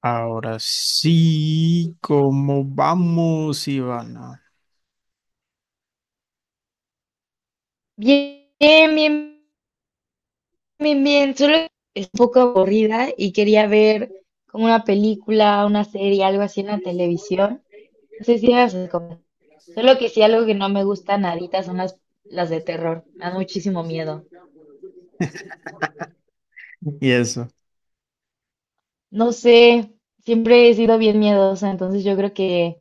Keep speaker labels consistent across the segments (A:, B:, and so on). A: Ahora sí, ¿cómo vamos, Ivana?
B: Bien, bien, bien. Solo es un poco aburrida y quería ver como una película, una serie, algo así en la televisión. No sé si las recomiendas. Solo que sí, algo que no me gusta nadita son las de terror. Me dan muchísimo miedo.
A: Y eso.
B: No sé, siempre he sido bien miedosa, entonces yo creo que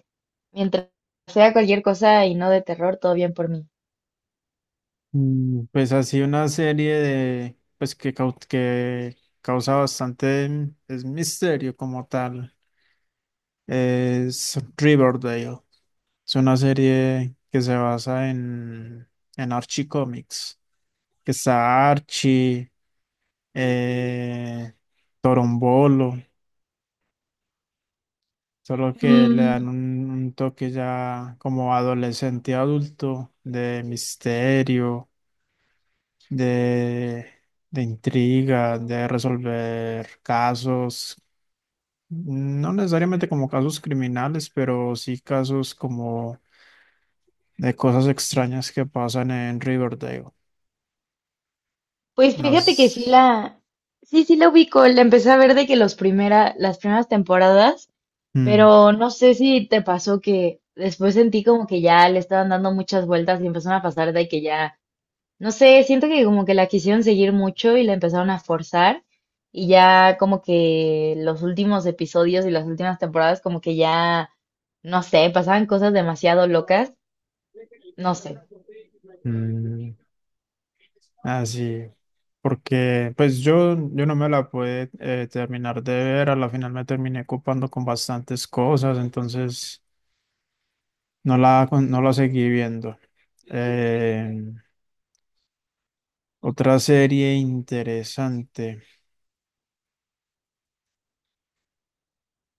B: mientras sea cualquier cosa y no de terror, todo bien por mí.
A: Pues así una serie de, pues que, cau- que causa bastante es misterio como tal. Es Riverdale. Es una serie que se basa en Archie Comics, que está Archie, eh, Torombolo. Solo que le dan
B: Mm,
A: un toque ya como adolescente adulto, de misterio, de, de intriga, de resolver casos, no necesariamente como casos criminales, pero sí casos como de cosas extrañas que pasan en Riverdale.
B: pues fíjate que sí
A: Nos.
B: sí, sí la ubico. La empecé a ver de que las primeras temporadas.
A: Mm.
B: Pero no sé si te pasó que después sentí como que ya le estaban dando muchas vueltas y empezaron a pasar de que ya, no sé, siento que como que la quisieron seguir mucho y la empezaron a forzar y ya como que los últimos episodios y las últimas temporadas como que ya, no sé, pasaban cosas demasiado locas, no sé,
A: Así, porque pues yo no me la pude terminar de ver, a la final me terminé ocupando con bastantes cosas, entonces no la seguí viendo. Eh, Otra serie interesante,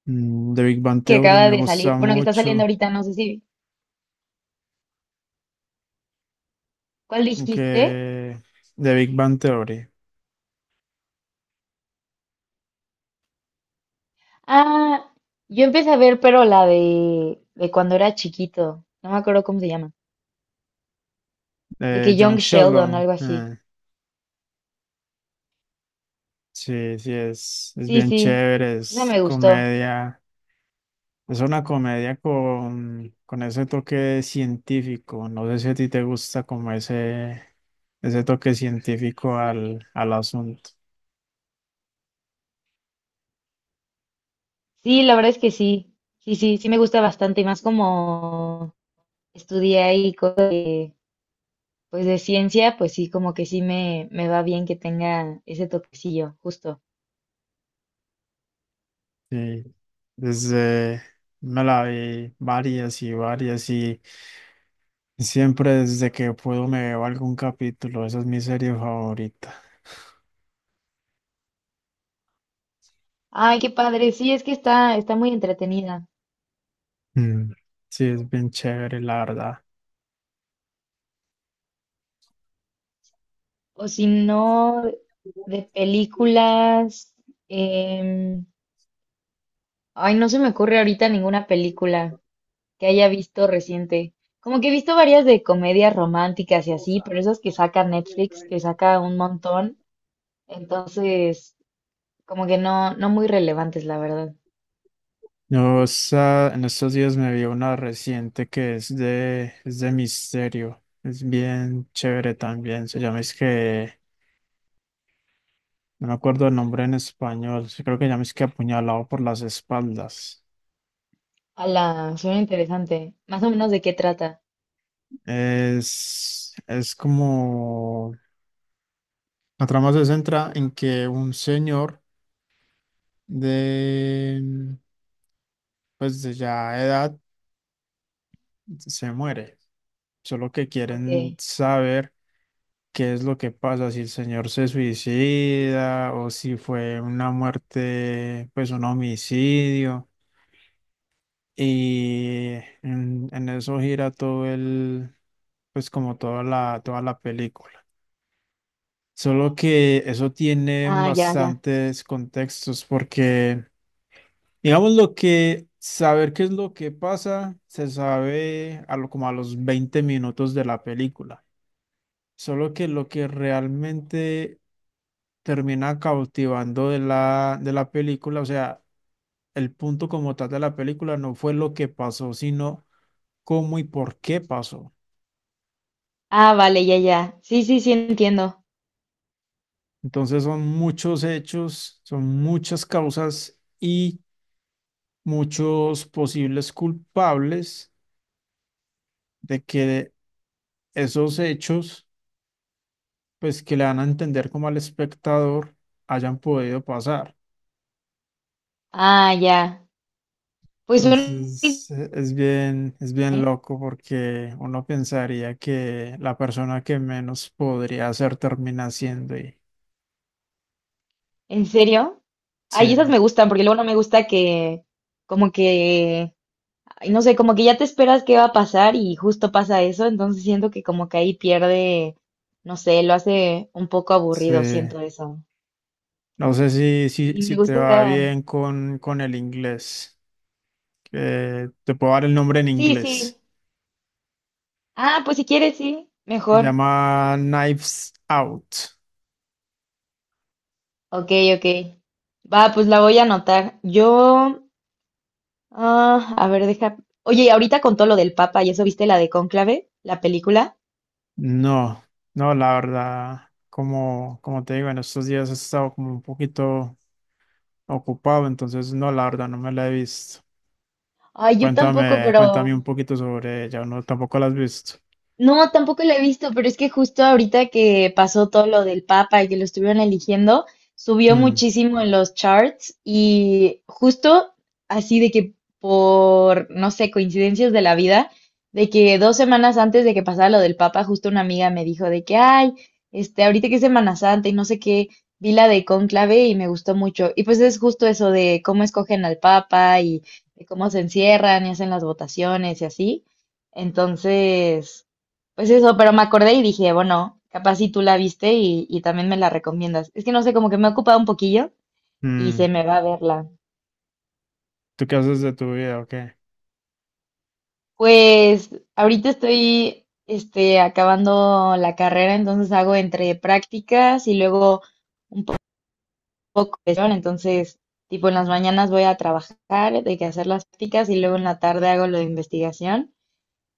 A: de Big Bang
B: que
A: Theory,
B: acaba
A: me
B: de
A: gusta
B: salir, bueno, que está saliendo
A: mucho,
B: ahorita, no sé si, ¿cuál dijiste?
A: que de Big Bang Theory,
B: Ah, yo empecé a ver, pero de cuando era chiquito, no me acuerdo cómo se llama. De
A: de
B: que
A: John
B: Young Sheldon,
A: Sheldon,
B: algo así.
A: sí, sí, es
B: Sí,
A: bien
B: sí,
A: chévere,
B: esa
A: es
B: me gustó.
A: comedia. Es una comedia con ese toque científico. No sé si a ti te gusta como ese toque científico al asunto.
B: Sí, la verdad es que sí. Sí, sí, sí me gusta bastante y más como estudié ahí cosas de, pues de ciencia, pues sí, como que sí me va bien que tenga ese toquecillo, justo.
A: Sí. Desde me la vi varias y varias y siempre desde que puedo me veo algún capítulo. Esa es mi serie favorita.
B: Ay, qué padre. Sí, es que está muy entretenida.
A: Mm. Sí, es bien chévere, la verdad.
B: O si no, de películas. em, Ay, no se me ocurre ahorita ninguna película que haya visto reciente. Como que he visto varias de comedias románticas y así, pero esas que saca Netflix, que saca un montón, entonces como que no, no muy relevantes, la verdad.
A: Yo en estos días me vi una reciente que es es de misterio. Es bien chévere también. Se llama es que, no me acuerdo el nombre en español. Sí, creo que se llama es que apuñalado por las espaldas.
B: Ala, suena interesante. Más o menos de qué trata.
A: Es como, la trama se centra en que un señor de, pues de ya edad se muere. Solo que quieren
B: Ok.
A: saber qué es lo que pasa, si el señor se suicida o si fue una muerte, pues un homicidio. Y en eso gira todo el, pues como toda toda la película. Solo que eso tiene
B: Ah, ya, ya.
A: bastantes contextos porque, digamos, lo que saber qué es lo que pasa se sabe a lo, como a los 20 minutos de la película. Solo que lo que realmente termina cautivando de de la película. O sea, el punto como tal de la película no fue lo que pasó, sino cómo y por qué pasó.
B: Ah, vale, ya, ya. Sí, sí, sí, entiendo.
A: Entonces son muchos hechos, son muchas causas y muchos posibles culpables de que esos hechos, pues que le dan a entender como al espectador, hayan podido pasar.
B: Ah, ya. Pues suena...
A: Entonces, es es bien
B: ¿Eh?
A: loco porque uno pensaría que la persona que menos podría hacer termina siendo y
B: ¿En serio? Ay, esas
A: sí,
B: me gustan, porque luego no me gusta que, como que ay, no sé, como que ya te esperas qué va a pasar y justo pasa eso, entonces siento que como que ahí pierde, no sé, lo hace un poco
A: sí,
B: aburrido, siento eso.
A: no sé
B: Sí,
A: si
B: me
A: te va
B: gusta.
A: bien con el inglés, que te puedo dar el nombre en
B: Sí, sí.
A: inglés.
B: Ah, pues si quieres, sí,
A: Se
B: mejor.
A: llama Knives Out.
B: Ok, ok. Va, pues la voy a anotar. Yo, ah, a ver, deja. Oye, ahorita con todo lo del Papa y eso, ¿viste la de Cónclave, la película?
A: No, no, la verdad, como te digo, en estos días he estado como un poquito ocupado, entonces no, la verdad, no me la he visto.
B: Ay, yo tampoco,
A: Cuéntame,
B: pero
A: cuéntame un poquito sobre ella, no, tampoco la has visto.
B: no, tampoco la he visto, pero es que justo ahorita que pasó todo lo del Papa y que lo estuvieron eligiendo, subió
A: Mm,
B: muchísimo en los charts y justo así de que por, no sé, coincidencias de la vida, de que dos semanas antes de que pasara lo del Papa, justo una amiga me dijo de que, ay, este, ahorita que es Semana Santa y no sé qué, vi la de Cónclave y me gustó mucho. Y pues es justo eso de cómo escogen al Papa y de cómo se encierran y hacen las votaciones y así. Entonces... Pues eso, pero me acordé y dije, bueno, capaz si tú la viste y también me la recomiendas. Es que no sé, como que me ha ocupado un poquillo y
A: mm.
B: se me va a verla.
A: ¿Tú qué haces de tu vida o qué?
B: Pues ahorita estoy este, acabando la carrera, entonces hago entre prácticas y luego poco de sesión, entonces tipo en las mañanas voy a trabajar, de que hacer las prácticas y luego en la tarde hago lo de investigación.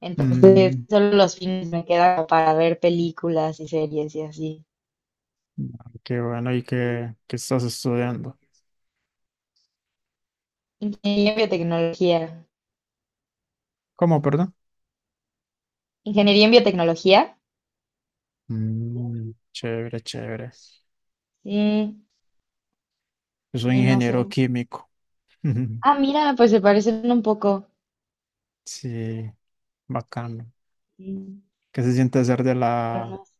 B: Entonces
A: Mm,
B: solo los fines me quedan para ver películas y series y así.
A: qué bueno, ¿y qué, qué estás estudiando?
B: Ingeniería en biotecnología.
A: ¿Cómo, perdón?
B: Ingeniería en biotecnología.
A: Mm, chévere, chévere.
B: Sí,
A: Yo soy
B: sí, no
A: ingeniero
B: sé.
A: químico.
B: Ah, mira, pues se parecen un poco.
A: Sí, bacano.
B: Sí,
A: ¿Qué se siente ser de
B: pero no sé.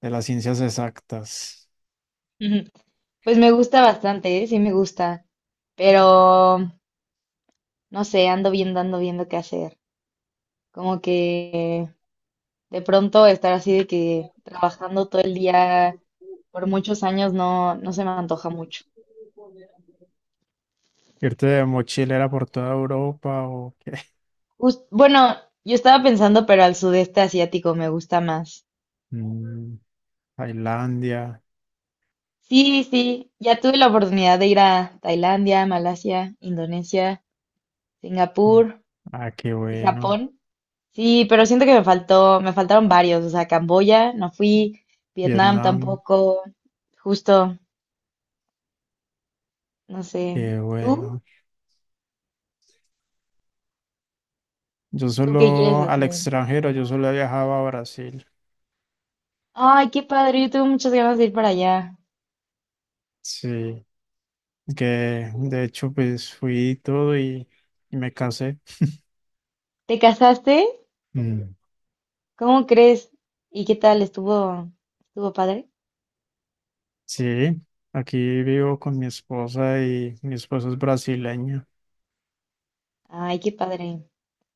A: de las ciencias exactas?
B: Pues me gusta bastante, ¿eh? Sí me gusta, pero no sé, ando viendo qué hacer. Como que de pronto estar así de que trabajando todo el día por muchos años no, no se me antoja mucho.
A: ¿Irte de mochilera por toda Europa o qué?
B: Bueno, yo estaba pensando, pero al sudeste asiático me gusta más.
A: Mm, Tailandia.
B: Sí, sí, ya tuve la oportunidad de ir a Tailandia, Malasia, Indonesia. Singapur,
A: Ah, qué
B: ¿y
A: bueno.
B: Japón? Sí, pero siento que me faltaron varios. O sea, Camboya no fui, Vietnam
A: Vietnam,
B: tampoco. Justo, no sé.
A: qué
B: ¿Tú?
A: bueno. Yo
B: ¿Tú qué quieres
A: solo al
B: hacer?
A: extranjero, yo solo he viajado a Brasil.
B: Ay, qué padre, yo tuve muchas ganas de ir para allá.
A: Sí, que de hecho pues fui y todo y me casé.
B: ¿Te casaste?
A: Mm.
B: ¿Cómo crees? ¿Y qué tal? ¿Estuvo padre?
A: Sí, aquí vivo con mi esposa y mi esposa es brasileña.
B: Ay, qué padre.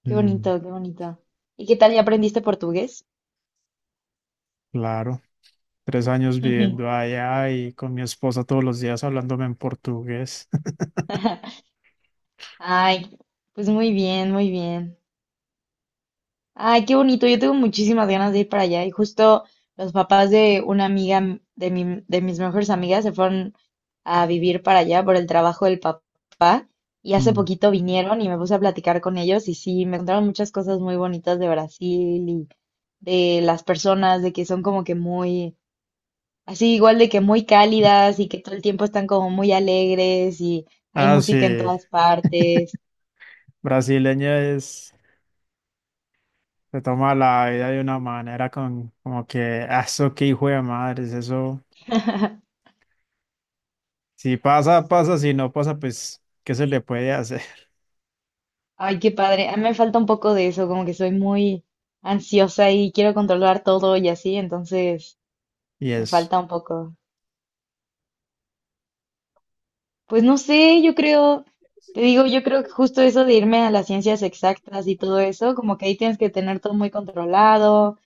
B: Qué
A: Mm,
B: bonito, qué bonito. ¿Y qué tal? ¿Ya aprendiste portugués?
A: claro, 3 años viviendo allá y con mi esposa todos los días hablándome en portugués.
B: Ay, pues muy bien, muy bien. Ay, qué bonito. Yo tengo muchísimas ganas de ir para allá. Y justo los papás de una amiga de mis mejores amigas se fueron a vivir para allá por el trabajo del papá. Y hace
A: Mm.
B: poquito vinieron y me puse a platicar con ellos y sí, me contaron muchas cosas muy bonitas de Brasil y de las personas, de que son como que muy, así igual de que muy cálidas y que todo el tiempo están como muy alegres y hay
A: Ah, sí,
B: música en todas partes.
A: brasileña es se toma la vida de una manera con, como que: "Ah, eso qué hijo de madres, eso, si pasa, pasa, si no pasa, pues, ¿qué se le puede hacer?"
B: Ay, qué padre. A mí me falta un poco de eso, como que soy muy ansiosa y quiero controlar todo y así, entonces
A: Y
B: me
A: eso,
B: falta un poco. Pues no sé, yo creo, te digo, yo creo que justo eso de irme a las ciencias exactas y todo eso, como que ahí tienes que tener todo muy controlado,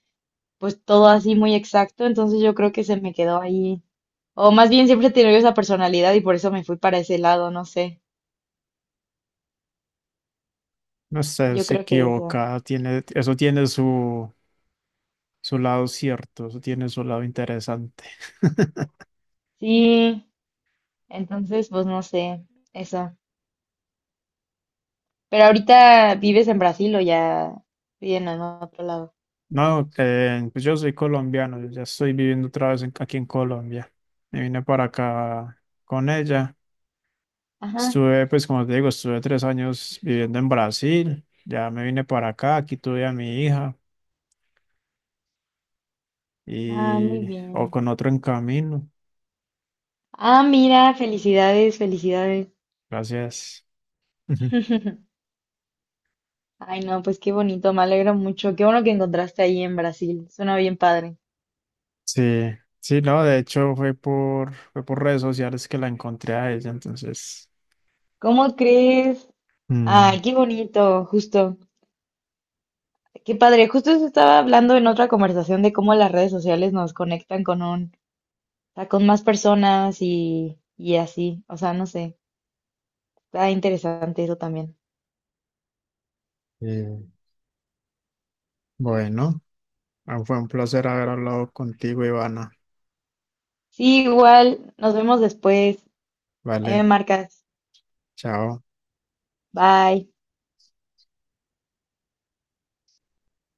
B: pues todo así muy exacto, entonces yo creo que se me quedó ahí. O más bien siempre he tenido esa personalidad y por eso me fui para ese lado, no sé.
A: no sé,
B: Yo
A: se
B: creo que eso.
A: equivoca, tiene, eso tiene su, su lado cierto, eso tiene su lado interesante.
B: Sí, entonces pues no sé, eso. Pero ahorita vives en Brasil o ya viven en otro lado.
A: No, pues yo soy colombiano, yo ya estoy viviendo otra vez aquí en Colombia. Me vine para acá con ella.
B: Ajá.
A: Estuve, pues como te digo, estuve 3 años viviendo en Brasil, ya me vine para acá, aquí tuve a mi hija
B: Ah, muy
A: y o
B: bien.
A: con otro en camino.
B: Ah, mira, felicidades, felicidades.
A: Gracias. Ujú.
B: Ay, no, pues qué bonito, me alegro mucho. Qué bueno que encontraste ahí en Brasil. Suena bien padre.
A: Sí, sí, no, de hecho fue fue por redes sociales que la encontré a ella, entonces,
B: ¿Cómo crees?
A: mm,
B: Ay, qué bonito, justo. Qué padre. Justo eso estaba hablando en otra conversación de cómo las redes sociales nos conectan con un, o sea, con más personas y así. O sea, no sé. Está interesante eso también.
A: eh, bueno, ah, fue un placer haber hablado contigo, Ivana.
B: Sí, igual. Nos vemos después. Ahí me
A: Vale,
B: marcas.
A: chao.
B: Bye.